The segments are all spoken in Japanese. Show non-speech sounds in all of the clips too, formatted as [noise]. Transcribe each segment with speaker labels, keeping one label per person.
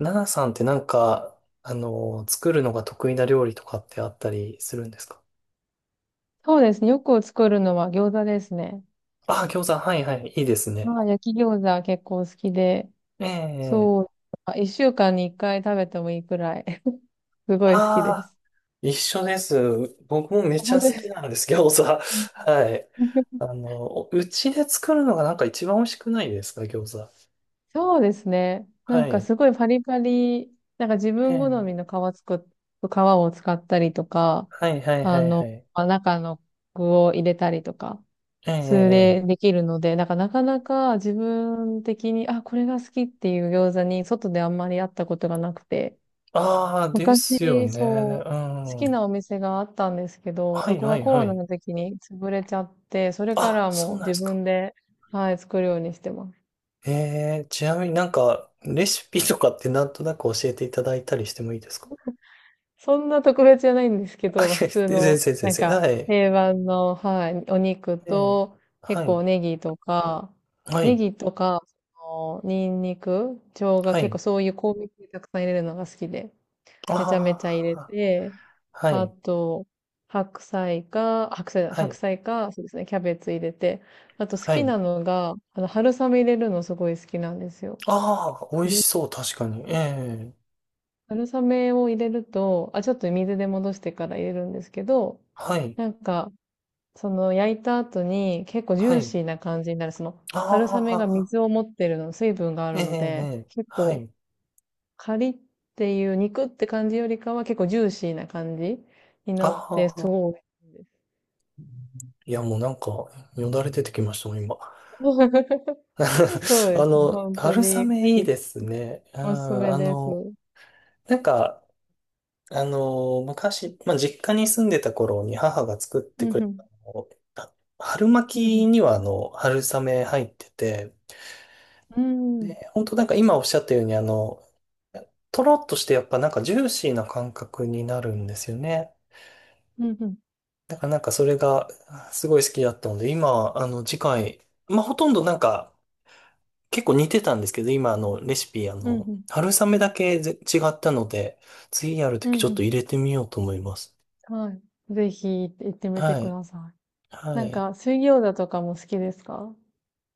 Speaker 1: ナナさんって作るのが得意な料理とかってあったりするんですか？
Speaker 2: そうですね。よく作るのは餃子ですね。
Speaker 1: ああー、餃子、はいはい、いいですね。
Speaker 2: まあ、焼き餃子結構好きで、
Speaker 1: ええ、
Speaker 2: そう、あ一週間に一回食べてもいいくらい、[laughs] すごい好き
Speaker 1: あ
Speaker 2: で
Speaker 1: あ、
Speaker 2: す。
Speaker 1: 一緒です。僕もめ
Speaker 2: あ
Speaker 1: ちゃ
Speaker 2: 本
Speaker 1: 好
Speaker 2: 当で
Speaker 1: き
Speaker 2: すか。
Speaker 1: なんです、餃子。[laughs]
Speaker 2: うん
Speaker 1: はい。
Speaker 2: [laughs]
Speaker 1: おうちで作るのが一番美味しくないですか、餃子。
Speaker 2: そうですね。な
Speaker 1: は
Speaker 2: んか
Speaker 1: い。
Speaker 2: すごいパリパリ、なんか自
Speaker 1: え
Speaker 2: 分好み
Speaker 1: え、
Speaker 2: の皮作っ、皮を使ったりとか、
Speaker 1: はいはいはいはい。
Speaker 2: まあ、中の具を入れたりとか、
Speaker 1: え
Speaker 2: それ
Speaker 1: ええ
Speaker 2: で
Speaker 1: え、
Speaker 2: できるので、なんかなかなか自分的に、あ、これが好きっていう餃子に外であんまりあったことがなくて、
Speaker 1: ああ、で
Speaker 2: 昔、
Speaker 1: すよね。
Speaker 2: そう、好
Speaker 1: う
Speaker 2: きな
Speaker 1: ん。
Speaker 2: お店があったんですけど、
Speaker 1: は
Speaker 2: そ
Speaker 1: い
Speaker 2: こ
Speaker 1: は
Speaker 2: が
Speaker 1: い
Speaker 2: コ
Speaker 1: は
Speaker 2: ロナ
Speaker 1: い。
Speaker 2: の時に潰れちゃって、それか
Speaker 1: あ、
Speaker 2: らは
Speaker 1: そ
Speaker 2: も
Speaker 1: う
Speaker 2: う
Speaker 1: なんで
Speaker 2: 自
Speaker 1: すか。
Speaker 2: 分で、はい、作るようにしてます。
Speaker 1: えー、ちなみにレシピとかってなんとなく教えていただいたりしてもいいですか？
Speaker 2: そんな特別じゃないんですけ
Speaker 1: [laughs] あ、い
Speaker 2: ど、普
Speaker 1: や、
Speaker 2: 通
Speaker 1: 先
Speaker 2: の、
Speaker 1: 生、先生、はい。
Speaker 2: 定番の、はい、お肉
Speaker 1: ええ、
Speaker 2: と、結
Speaker 1: はい、
Speaker 2: 構ネギとか、
Speaker 1: は
Speaker 2: ネ
Speaker 1: い、
Speaker 2: ギとか、そのニンニク、生姜、
Speaker 1: は
Speaker 2: 結構
Speaker 1: い。
Speaker 2: そういう香味系たくさん入れるのが好きで、めちゃめ
Speaker 1: あ
Speaker 2: ちゃ入れ
Speaker 1: あ、
Speaker 2: て、
Speaker 1: は
Speaker 2: あ
Speaker 1: い、
Speaker 2: と、
Speaker 1: は
Speaker 2: 白
Speaker 1: い、
Speaker 2: 菜か、そうですね、キャベツ入れて、あと好
Speaker 1: は
Speaker 2: きな
Speaker 1: い。
Speaker 2: のが、春雨入れるのすごい好きなんですよ。
Speaker 1: ああ、美味
Speaker 2: 入れ
Speaker 1: しそう、確かに。ええ、
Speaker 2: 春雨を入れると、あ、ちょっと水で戻してから入れるんですけど、
Speaker 1: はい、
Speaker 2: なんか、その焼いた後に結構ジ
Speaker 1: は
Speaker 2: ュー
Speaker 1: い。
Speaker 2: シーな感じになる。その、
Speaker 1: あ
Speaker 2: 春雨が
Speaker 1: あ、
Speaker 2: 水を持ってるの、水分があ
Speaker 1: え
Speaker 2: る
Speaker 1: え
Speaker 2: の
Speaker 1: え
Speaker 2: で、
Speaker 1: え、
Speaker 2: 結
Speaker 1: は
Speaker 2: 構
Speaker 1: い。
Speaker 2: っていう肉って感じよりかは結構ジューシーな感じに
Speaker 1: あ
Speaker 2: なって、す
Speaker 1: あ、
Speaker 2: ごい美味しいで
Speaker 1: いや、もうなんか、よだれ出てきましたもん、今。
Speaker 2: す。[laughs] そう
Speaker 1: [laughs]
Speaker 2: ですね。本当
Speaker 1: 春
Speaker 2: に好
Speaker 1: 雨いい
Speaker 2: き。
Speaker 1: ですね。う
Speaker 2: おすす
Speaker 1: ん、
Speaker 2: めです。
Speaker 1: なんか、昔、実家に住んでた頃に母が作っ
Speaker 2: う
Speaker 1: てくれ
Speaker 2: ん。
Speaker 1: たの、あ春
Speaker 2: うんう
Speaker 1: 巻き
Speaker 2: ん。
Speaker 1: には春雨入ってて、
Speaker 2: うん。
Speaker 1: で、本当なんか今おっしゃったようにとろっとしてやっぱジューシーな感覚になるんですよね。
Speaker 2: うんうん。
Speaker 1: だからそれがすごい好きだったので、今、次回、まあ、ほとんどなんか結構似てたんですけど、今レシピ、
Speaker 2: うんうん。
Speaker 1: 春雨だけぜ違ったので、次やると
Speaker 2: うん
Speaker 1: きちょ
Speaker 2: う
Speaker 1: っと
Speaker 2: ん
Speaker 1: 入れてみようと思います。
Speaker 2: はい。ぜひ行ってみて
Speaker 1: は
Speaker 2: く
Speaker 1: い。
Speaker 2: ださい。な
Speaker 1: は
Speaker 2: ん
Speaker 1: い。
Speaker 2: か、水餃子とかも好きですか？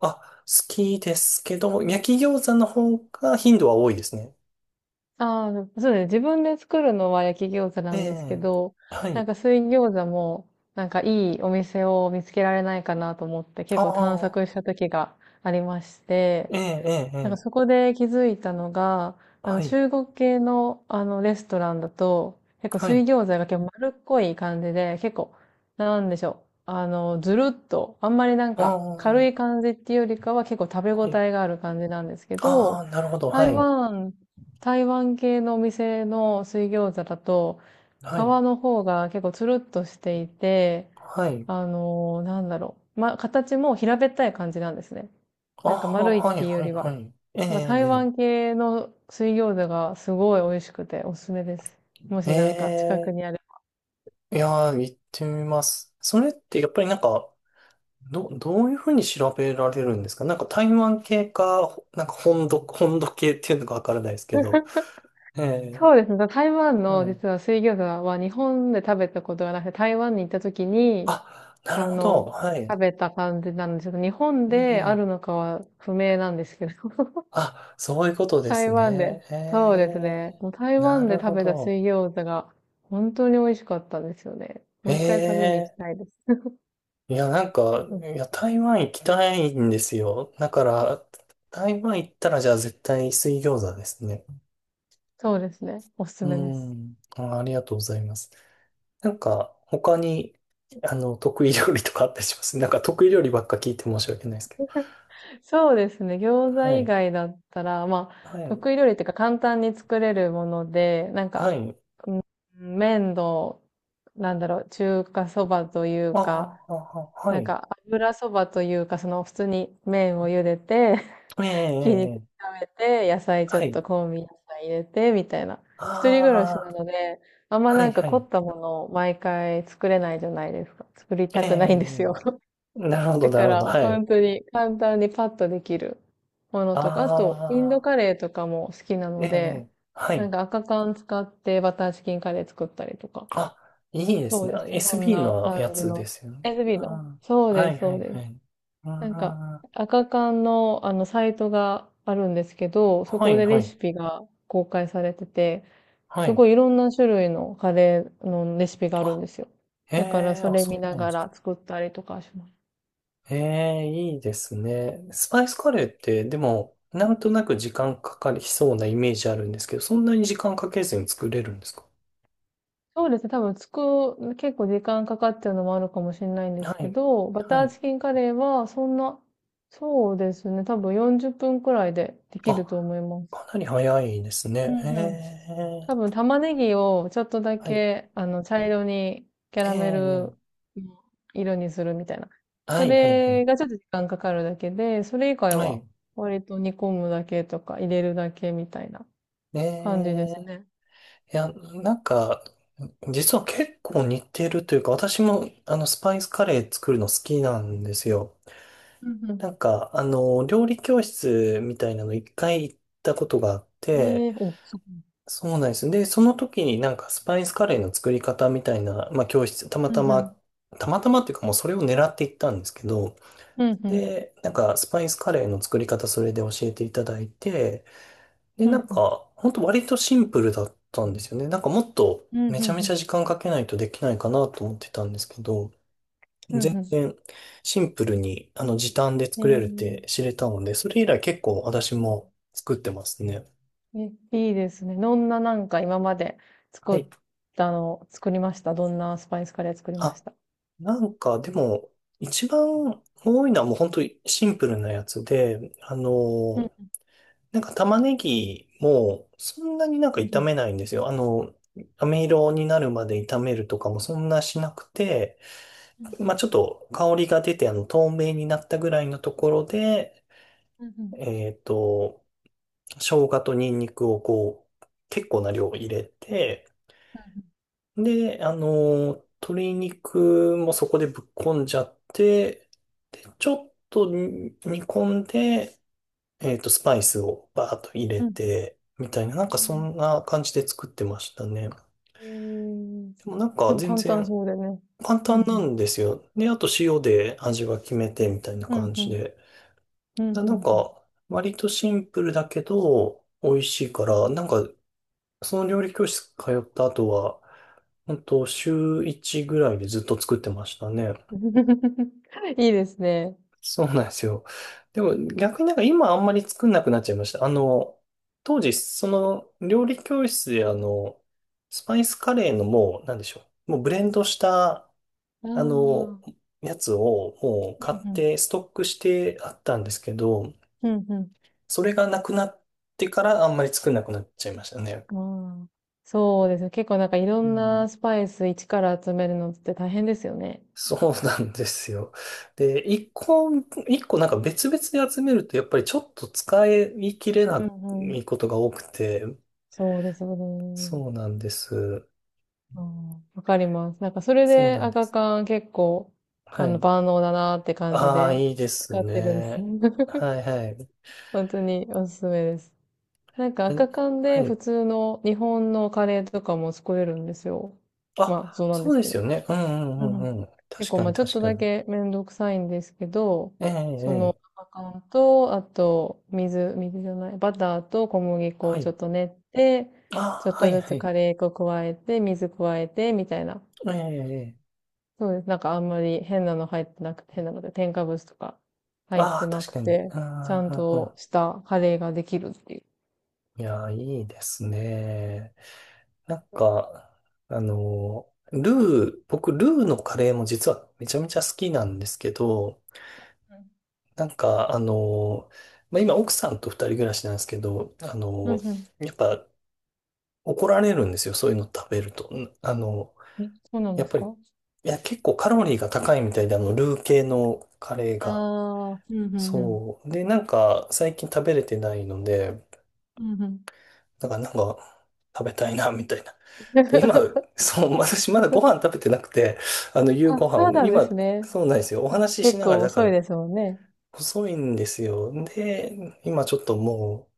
Speaker 1: あ、好きですけど、焼き餃子の方が頻度は多いですね。
Speaker 2: ああ、そうですね。自分で作るのは焼き餃子
Speaker 1: え
Speaker 2: なんですけ
Speaker 1: え。
Speaker 2: ど、
Speaker 1: は
Speaker 2: な
Speaker 1: い。
Speaker 2: んか水餃子も、なんかいいお店を見つけられないかなと思って
Speaker 1: あ
Speaker 2: 結構探
Speaker 1: あ、
Speaker 2: 索した時がありまして、
Speaker 1: ええ、ええ、え
Speaker 2: なんかそ
Speaker 1: え。
Speaker 2: こで気づいたのが、あの
Speaker 1: はい。
Speaker 2: 中国系のあのレストランだと、結構
Speaker 1: は
Speaker 2: 水
Speaker 1: い。
Speaker 2: 餃子が結構丸っこい感じで、結構、なんでしょう。あの、ずるっと、あんまりなん
Speaker 1: ああ、
Speaker 2: か軽
Speaker 1: は
Speaker 2: い感じっていうよりかは結構食べ応
Speaker 1: い。
Speaker 2: えがある感じなんですけ
Speaker 1: ああ、
Speaker 2: ど、
Speaker 1: なるほど。
Speaker 2: 台
Speaker 1: はい。
Speaker 2: 湾、台湾系のお店の水餃子だと、皮
Speaker 1: はい。
Speaker 2: の方が結構つるっとしていて、
Speaker 1: はい。
Speaker 2: あのなんだろう。ま、形も平べったい感じなんですね。
Speaker 1: ああ、
Speaker 2: なんか丸いっ
Speaker 1: はい、
Speaker 2: ていうよ
Speaker 1: はい、
Speaker 2: りは。
Speaker 1: はい。え
Speaker 2: なんか台
Speaker 1: え、
Speaker 2: 湾系の水餃子がすごい美味しくておすすめです。も
Speaker 1: え
Speaker 2: しなんか近く
Speaker 1: え。
Speaker 2: に
Speaker 1: え
Speaker 2: ある。
Speaker 1: え、いやー、行ってみます。それってやっぱりどういうふうに調べられるんですか？台湾系か、本土、本土系っていうのかわからないですけど。ええ、
Speaker 2: そうですね。台湾の
Speaker 1: はい。
Speaker 2: 実は水餃子は日本で食べたことがなくて、台湾に行った時に、
Speaker 1: あ、な
Speaker 2: あ
Speaker 1: るほど。
Speaker 2: の、
Speaker 1: はい。
Speaker 2: 食べた感じなんですけど、日本
Speaker 1: う
Speaker 2: であ
Speaker 1: ん、
Speaker 2: るのかは不明なんですけど、[laughs]
Speaker 1: あ、そういうことです
Speaker 2: 台湾で。
Speaker 1: ね。
Speaker 2: そうです
Speaker 1: え
Speaker 2: ね。
Speaker 1: え、
Speaker 2: もう台
Speaker 1: な
Speaker 2: 湾
Speaker 1: る
Speaker 2: で食
Speaker 1: ほ
Speaker 2: べた
Speaker 1: ど。
Speaker 2: 水餃子が本当に美味しかったんですよね。
Speaker 1: え
Speaker 2: もう一回食べに行き
Speaker 1: え、
Speaker 2: たいです。うん、
Speaker 1: いや、台湾行きたいんですよ。だから、台湾行ったら、じゃあ絶対水餃子ですね。
Speaker 2: そうですね。おすす
Speaker 1: う
Speaker 2: めです。
Speaker 1: ん。あ、ありがとうございます。なんか、他に、あの、得意料理とかあったりします？得意料理ばっか聞いて申し訳ないですけど。
Speaker 2: そうですね。餃子
Speaker 1: は
Speaker 2: 以
Speaker 1: い。
Speaker 2: 外だったら、まあ、
Speaker 1: はい。
Speaker 2: 得意料理っていうか簡単に作れるもので、なん
Speaker 1: は
Speaker 2: か、
Speaker 1: い。
Speaker 2: うん麺の、なんだろう、中華そばという
Speaker 1: あ
Speaker 2: か、
Speaker 1: あ、ああ、は
Speaker 2: なん
Speaker 1: い。
Speaker 2: か油そばというか、その普通に麺を茹でて、[laughs]
Speaker 1: ええ、え
Speaker 2: ひき
Speaker 1: え、
Speaker 2: 肉
Speaker 1: ええ、
Speaker 2: 炒めて、野菜ちょ
Speaker 1: は
Speaker 2: っ
Speaker 1: い。
Speaker 2: と香味野菜入れて、みたいな。
Speaker 1: あ
Speaker 2: 一人暮らしな
Speaker 1: あ、
Speaker 2: ので、あんま
Speaker 1: は
Speaker 2: なん
Speaker 1: い
Speaker 2: か
Speaker 1: は
Speaker 2: 凝
Speaker 1: い。
Speaker 2: ったものを毎回作れないじゃないですか。作り
Speaker 1: え
Speaker 2: た
Speaker 1: え、
Speaker 2: くないんです
Speaker 1: え
Speaker 2: よ。
Speaker 1: え、なるほど、
Speaker 2: だ
Speaker 1: な
Speaker 2: か
Speaker 1: るほ
Speaker 2: ら、
Speaker 1: ど、はい。
Speaker 2: 本当に簡単にパッとできるもの
Speaker 1: あ
Speaker 2: とか、あと、インド
Speaker 1: あ、
Speaker 2: カレーとかも好きな
Speaker 1: え
Speaker 2: の
Speaker 1: え、
Speaker 2: で、
Speaker 1: ええ、は
Speaker 2: なん
Speaker 1: い。
Speaker 2: か赤缶使ってバターチキンカレー作ったりとか。
Speaker 1: あ、いいです
Speaker 2: そう
Speaker 1: ね。
Speaker 2: です。
Speaker 1: あ、
Speaker 2: そん
Speaker 1: SB
Speaker 2: な
Speaker 1: のや
Speaker 2: 感じ
Speaker 1: つ
Speaker 2: の。
Speaker 1: ですよね。
Speaker 2: SB
Speaker 1: う
Speaker 2: の。
Speaker 1: ん。
Speaker 2: そう
Speaker 1: は
Speaker 2: で
Speaker 1: い
Speaker 2: す、
Speaker 1: は
Speaker 2: そう
Speaker 1: い
Speaker 2: で
Speaker 1: は
Speaker 2: す。
Speaker 1: い。うん。
Speaker 2: なんか、
Speaker 1: は
Speaker 2: 赤缶のあのサイトがあるんですけど、そこ
Speaker 1: い
Speaker 2: で
Speaker 1: は
Speaker 2: レ
Speaker 1: い。
Speaker 2: シピが公開されてて、
Speaker 1: は
Speaker 2: す
Speaker 1: い。
Speaker 2: ごいいろんな種類のカレーのレシピがあるん
Speaker 1: あ、
Speaker 2: ですよ。
Speaker 1: え
Speaker 2: だから
Speaker 1: え、
Speaker 2: そ
Speaker 1: あ、
Speaker 2: れ
Speaker 1: そ
Speaker 2: 見
Speaker 1: う
Speaker 2: な
Speaker 1: なんで
Speaker 2: が
Speaker 1: すか。
Speaker 2: ら作ったりとかします。
Speaker 1: ええ、いいですね。スパイスカレーって、でも、なんとなく時間かかりそうなイメージあるんですけど、そんなに時間かけずに作れるんですか？
Speaker 2: そうですね、多分作る、結構時間かかっちゃうのもあるかもしれないんで
Speaker 1: は
Speaker 2: すけ
Speaker 1: い。
Speaker 2: ど、バ
Speaker 1: は
Speaker 2: ター
Speaker 1: い。
Speaker 2: チキンカレーはそんな、そうですね、多分40分くらいででき
Speaker 1: あ、
Speaker 2: ると思います。
Speaker 1: かなり早いです
Speaker 2: う
Speaker 1: ね。
Speaker 2: んうん。
Speaker 1: え
Speaker 2: 多分
Speaker 1: ー、
Speaker 2: 玉ねぎをちょっとだ
Speaker 1: はい。
Speaker 2: け、あの、茶色にキャ
Speaker 1: え
Speaker 2: ラメ
Speaker 1: ー、
Speaker 2: ルの色にするみたいな。
Speaker 1: は
Speaker 2: そ
Speaker 1: い、はい、は
Speaker 2: れ
Speaker 1: い。
Speaker 2: がちょっと時間かかるだけで、それ以外
Speaker 1: は
Speaker 2: は
Speaker 1: い。
Speaker 2: 割と煮込むだけとか入れるだけみたいな
Speaker 1: え
Speaker 2: 感じで
Speaker 1: ー、
Speaker 2: す
Speaker 1: い
Speaker 2: ね。
Speaker 1: や、なんか、実は結構似てるというか、私も、スパイスカレー作るの好きなんですよ。
Speaker 2: うんうん。
Speaker 1: 料理教室みたいなの一回行ったことがあって、
Speaker 2: ええお、そっか。
Speaker 1: そうなんです。で、その時にスパイスカレーの作り方みたいな、教室、たま
Speaker 2: う
Speaker 1: た
Speaker 2: んうん。
Speaker 1: ま、たまたまっていうか、もうそれを狙って行ったんですけど、
Speaker 2: うんうん。
Speaker 1: で、スパイスカレーの作り方それで教えていただいて、で、
Speaker 2: うん、うん、
Speaker 1: ほんと割とシンプルだったんですよね。もっと
Speaker 2: うん、
Speaker 1: めち
Speaker 2: う
Speaker 1: ゃめちゃ
Speaker 2: ん、
Speaker 1: 時間かけないとできないかなと思ってたんですけど、
Speaker 2: うん、
Speaker 1: 全
Speaker 2: うん。
Speaker 1: 然シンプルに時短で作れるって知れたので、それ以来結構私
Speaker 2: うん
Speaker 1: も作ってますね。
Speaker 2: えー、えいいですね。どんななんか今まで
Speaker 1: は
Speaker 2: 作っ
Speaker 1: い。
Speaker 2: 作りましたどんなスパイスカレー作りまし
Speaker 1: あ、
Speaker 2: た？
Speaker 1: なんかでも、一番多いのはもう本当にシンプルなやつで、
Speaker 2: うん、
Speaker 1: 玉ねぎもそんなに
Speaker 2: うん、う
Speaker 1: 炒
Speaker 2: ん、
Speaker 1: めないんですよ。飴色になるまで炒めるとかもそんなしなくて、
Speaker 2: う
Speaker 1: まあ
Speaker 2: ん、
Speaker 1: ちょっと香りが出て透明になったぐらいのところで、
Speaker 2: うん、
Speaker 1: えっと、生姜とニンニクをこう、結構な量入れて、で、鶏肉もそこでぶっこんじゃって、で、ちょっと煮込んで、スパイスをバーッと入れ
Speaker 2: うん、うん。うん
Speaker 1: て、みたいな、そんな感じで作ってましたね。で
Speaker 2: うんえー、
Speaker 1: も
Speaker 2: 結構
Speaker 1: 全
Speaker 2: 簡単
Speaker 1: 然
Speaker 2: そうでね。
Speaker 1: 簡
Speaker 2: うん、う
Speaker 1: 単な
Speaker 2: ん、
Speaker 1: んですよ。で、あと塩で味は決めてみたいな
Speaker 2: うん、
Speaker 1: 感
Speaker 2: う
Speaker 1: じ
Speaker 2: ん、
Speaker 1: で。
Speaker 2: う
Speaker 1: な
Speaker 2: ん、う
Speaker 1: なん
Speaker 2: ん。
Speaker 1: か、割とシンプルだけど、美味しいから、その料理教室通った後は、本当週1ぐらいでずっと作ってましたね。
Speaker 2: うん [laughs] いいですね。
Speaker 1: そうなんですよ。でも逆に今あんまり作んなくなっちゃいました。当時その料理教室でスパイスカレーのもう、なんでしょう。もうブレンドした、
Speaker 2: ああ、う
Speaker 1: あの、
Speaker 2: ん、
Speaker 1: やつをもう
Speaker 2: う
Speaker 1: 買っ
Speaker 2: ん、
Speaker 1: てストックしてあったんですけど、
Speaker 2: うん、うん。
Speaker 1: それがなくなってからあんまり作んなくなっちゃいましたね。
Speaker 2: ああ、そうですね。結構なんかいろ
Speaker 1: う
Speaker 2: ん
Speaker 1: ん。
Speaker 2: なスパイス一から集めるのって大変ですよね。
Speaker 1: そうなんですよ。で、一個別々で集めるとやっぱりちょっと使い切れ
Speaker 2: う
Speaker 1: な
Speaker 2: んうん。
Speaker 1: いことが多くて、
Speaker 2: そうですよね。
Speaker 1: そうなんです。
Speaker 2: ああ、わかります。なんかそれ
Speaker 1: そう
Speaker 2: で
Speaker 1: なんで
Speaker 2: 赤
Speaker 1: す。
Speaker 2: 缶結構、
Speaker 1: は
Speaker 2: あの、
Speaker 1: い。
Speaker 2: 万能だなって感じ
Speaker 1: ああ、
Speaker 2: で
Speaker 1: いいです
Speaker 2: 使ってるんですよ。
Speaker 1: ね。
Speaker 2: [laughs]
Speaker 1: はいはい。
Speaker 2: 本当におすすめです。なんか
Speaker 1: え、
Speaker 2: 赤缶
Speaker 1: は
Speaker 2: で
Speaker 1: い。
Speaker 2: 普通の日本のカレーとかも作れるんですよ。まあ、
Speaker 1: あ、
Speaker 2: そうなん
Speaker 1: そ
Speaker 2: で
Speaker 1: う
Speaker 2: す
Speaker 1: で
Speaker 2: け
Speaker 1: す
Speaker 2: ど。
Speaker 1: よね。うんう
Speaker 2: う
Speaker 1: んう
Speaker 2: ん。
Speaker 1: んうん。
Speaker 2: 結
Speaker 1: 確
Speaker 2: 構、
Speaker 1: か
Speaker 2: ま
Speaker 1: に
Speaker 2: あちょっ
Speaker 1: 確
Speaker 2: と
Speaker 1: か
Speaker 2: だ
Speaker 1: に。
Speaker 2: けめんどくさいんですけど、
Speaker 1: ええ
Speaker 2: その、
Speaker 1: ええ。
Speaker 2: アカンと、あと、水、水じゃない、バターと小麦粉
Speaker 1: は
Speaker 2: をちょ
Speaker 1: い。
Speaker 2: っと練って、
Speaker 1: あ
Speaker 2: ちょっ
Speaker 1: あ、は
Speaker 2: と
Speaker 1: い
Speaker 2: ず
Speaker 1: は
Speaker 2: つ
Speaker 1: い。
Speaker 2: カレー粉加えて、水加えて、みたいな。
Speaker 1: ええええ。
Speaker 2: そうです。なんかあんまり変なの入ってなくて、変なので、添加物とか入って
Speaker 1: ああ、
Speaker 2: な
Speaker 1: 確
Speaker 2: く
Speaker 1: かに。
Speaker 2: て、
Speaker 1: う
Speaker 2: ちゃ
Speaker 1: ん
Speaker 2: ん
Speaker 1: うんうんう
Speaker 2: としたカレーができるっていう。
Speaker 1: ん。いやー、いいですね。なんか、僕、ルーのカレーも実はめちゃめちゃ好きなんですけど、
Speaker 2: う
Speaker 1: なんか、あの、今、奥さんと二人暮らしなんですけど、
Speaker 2: ん、うん、うん。
Speaker 1: やっぱ怒られるんですよ、そういうの食べると。ん、
Speaker 2: え、そうなん
Speaker 1: や
Speaker 2: で
Speaker 1: っ
Speaker 2: す
Speaker 1: ぱり、
Speaker 2: か？
Speaker 1: 結構カロリーが高いみたいで、ルー系のカレーが。
Speaker 2: ああー、うん、うん、うん。
Speaker 1: そう。で、最近食べれてないので、
Speaker 2: うん、うん。
Speaker 1: だから食べたいな、みたいな。で、今、
Speaker 2: [laughs]
Speaker 1: そう、私まだご飯食べてなくて、夕
Speaker 2: あ、
Speaker 1: ご飯
Speaker 2: そう
Speaker 1: を、
Speaker 2: なんで
Speaker 1: 今、
Speaker 2: すね。
Speaker 1: そうなんですよ。お
Speaker 2: あ、
Speaker 1: 話しし
Speaker 2: 結
Speaker 1: なが
Speaker 2: 構
Speaker 1: ら、だか
Speaker 2: 遅い
Speaker 1: ら、
Speaker 2: ですもんね。
Speaker 1: 細いんですよ。で、今ちょっとも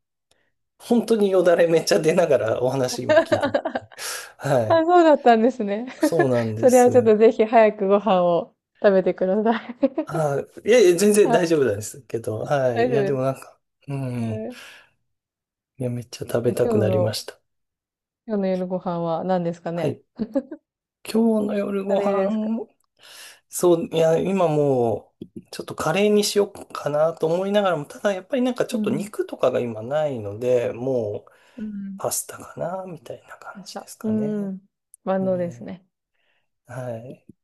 Speaker 1: う、本当によだれめっちゃ出ながらお話今聞いて、
Speaker 2: [laughs]
Speaker 1: は
Speaker 2: あ、
Speaker 1: い。
Speaker 2: そうだったんですね。
Speaker 1: そ
Speaker 2: [laughs]
Speaker 1: うなんで
Speaker 2: それはちょっ
Speaker 1: す。
Speaker 2: とぜひ早くご飯を食べてください。
Speaker 1: あ、いいやいや、全
Speaker 2: [laughs]
Speaker 1: 然
Speaker 2: あ、
Speaker 1: 大丈夫なんですけど。
Speaker 2: 大丈夫です
Speaker 1: はい。いや、でもなん
Speaker 2: か？
Speaker 1: か、うん。
Speaker 2: はい。
Speaker 1: いや、めっちゃ食べ
Speaker 2: じゃあ
Speaker 1: たくなりました。
Speaker 2: 今日の夜ご飯は何ですか
Speaker 1: は
Speaker 2: ね？
Speaker 1: い。今日の夜
Speaker 2: カ
Speaker 1: ご
Speaker 2: レーですか？
Speaker 1: 飯、今もう、ちょっとカレーにしようかなと思いながらも、ただやっぱりちょ
Speaker 2: う
Speaker 1: っと
Speaker 2: ん。
Speaker 1: 肉とかが今ないので、もう、
Speaker 2: うん。
Speaker 1: パスタかな、みたいな感
Speaker 2: 明
Speaker 1: じで
Speaker 2: 日。
Speaker 1: す
Speaker 2: う
Speaker 1: かね。
Speaker 2: ん。万
Speaker 1: う
Speaker 2: 能です
Speaker 1: ん。
Speaker 2: ね。
Speaker 1: はい。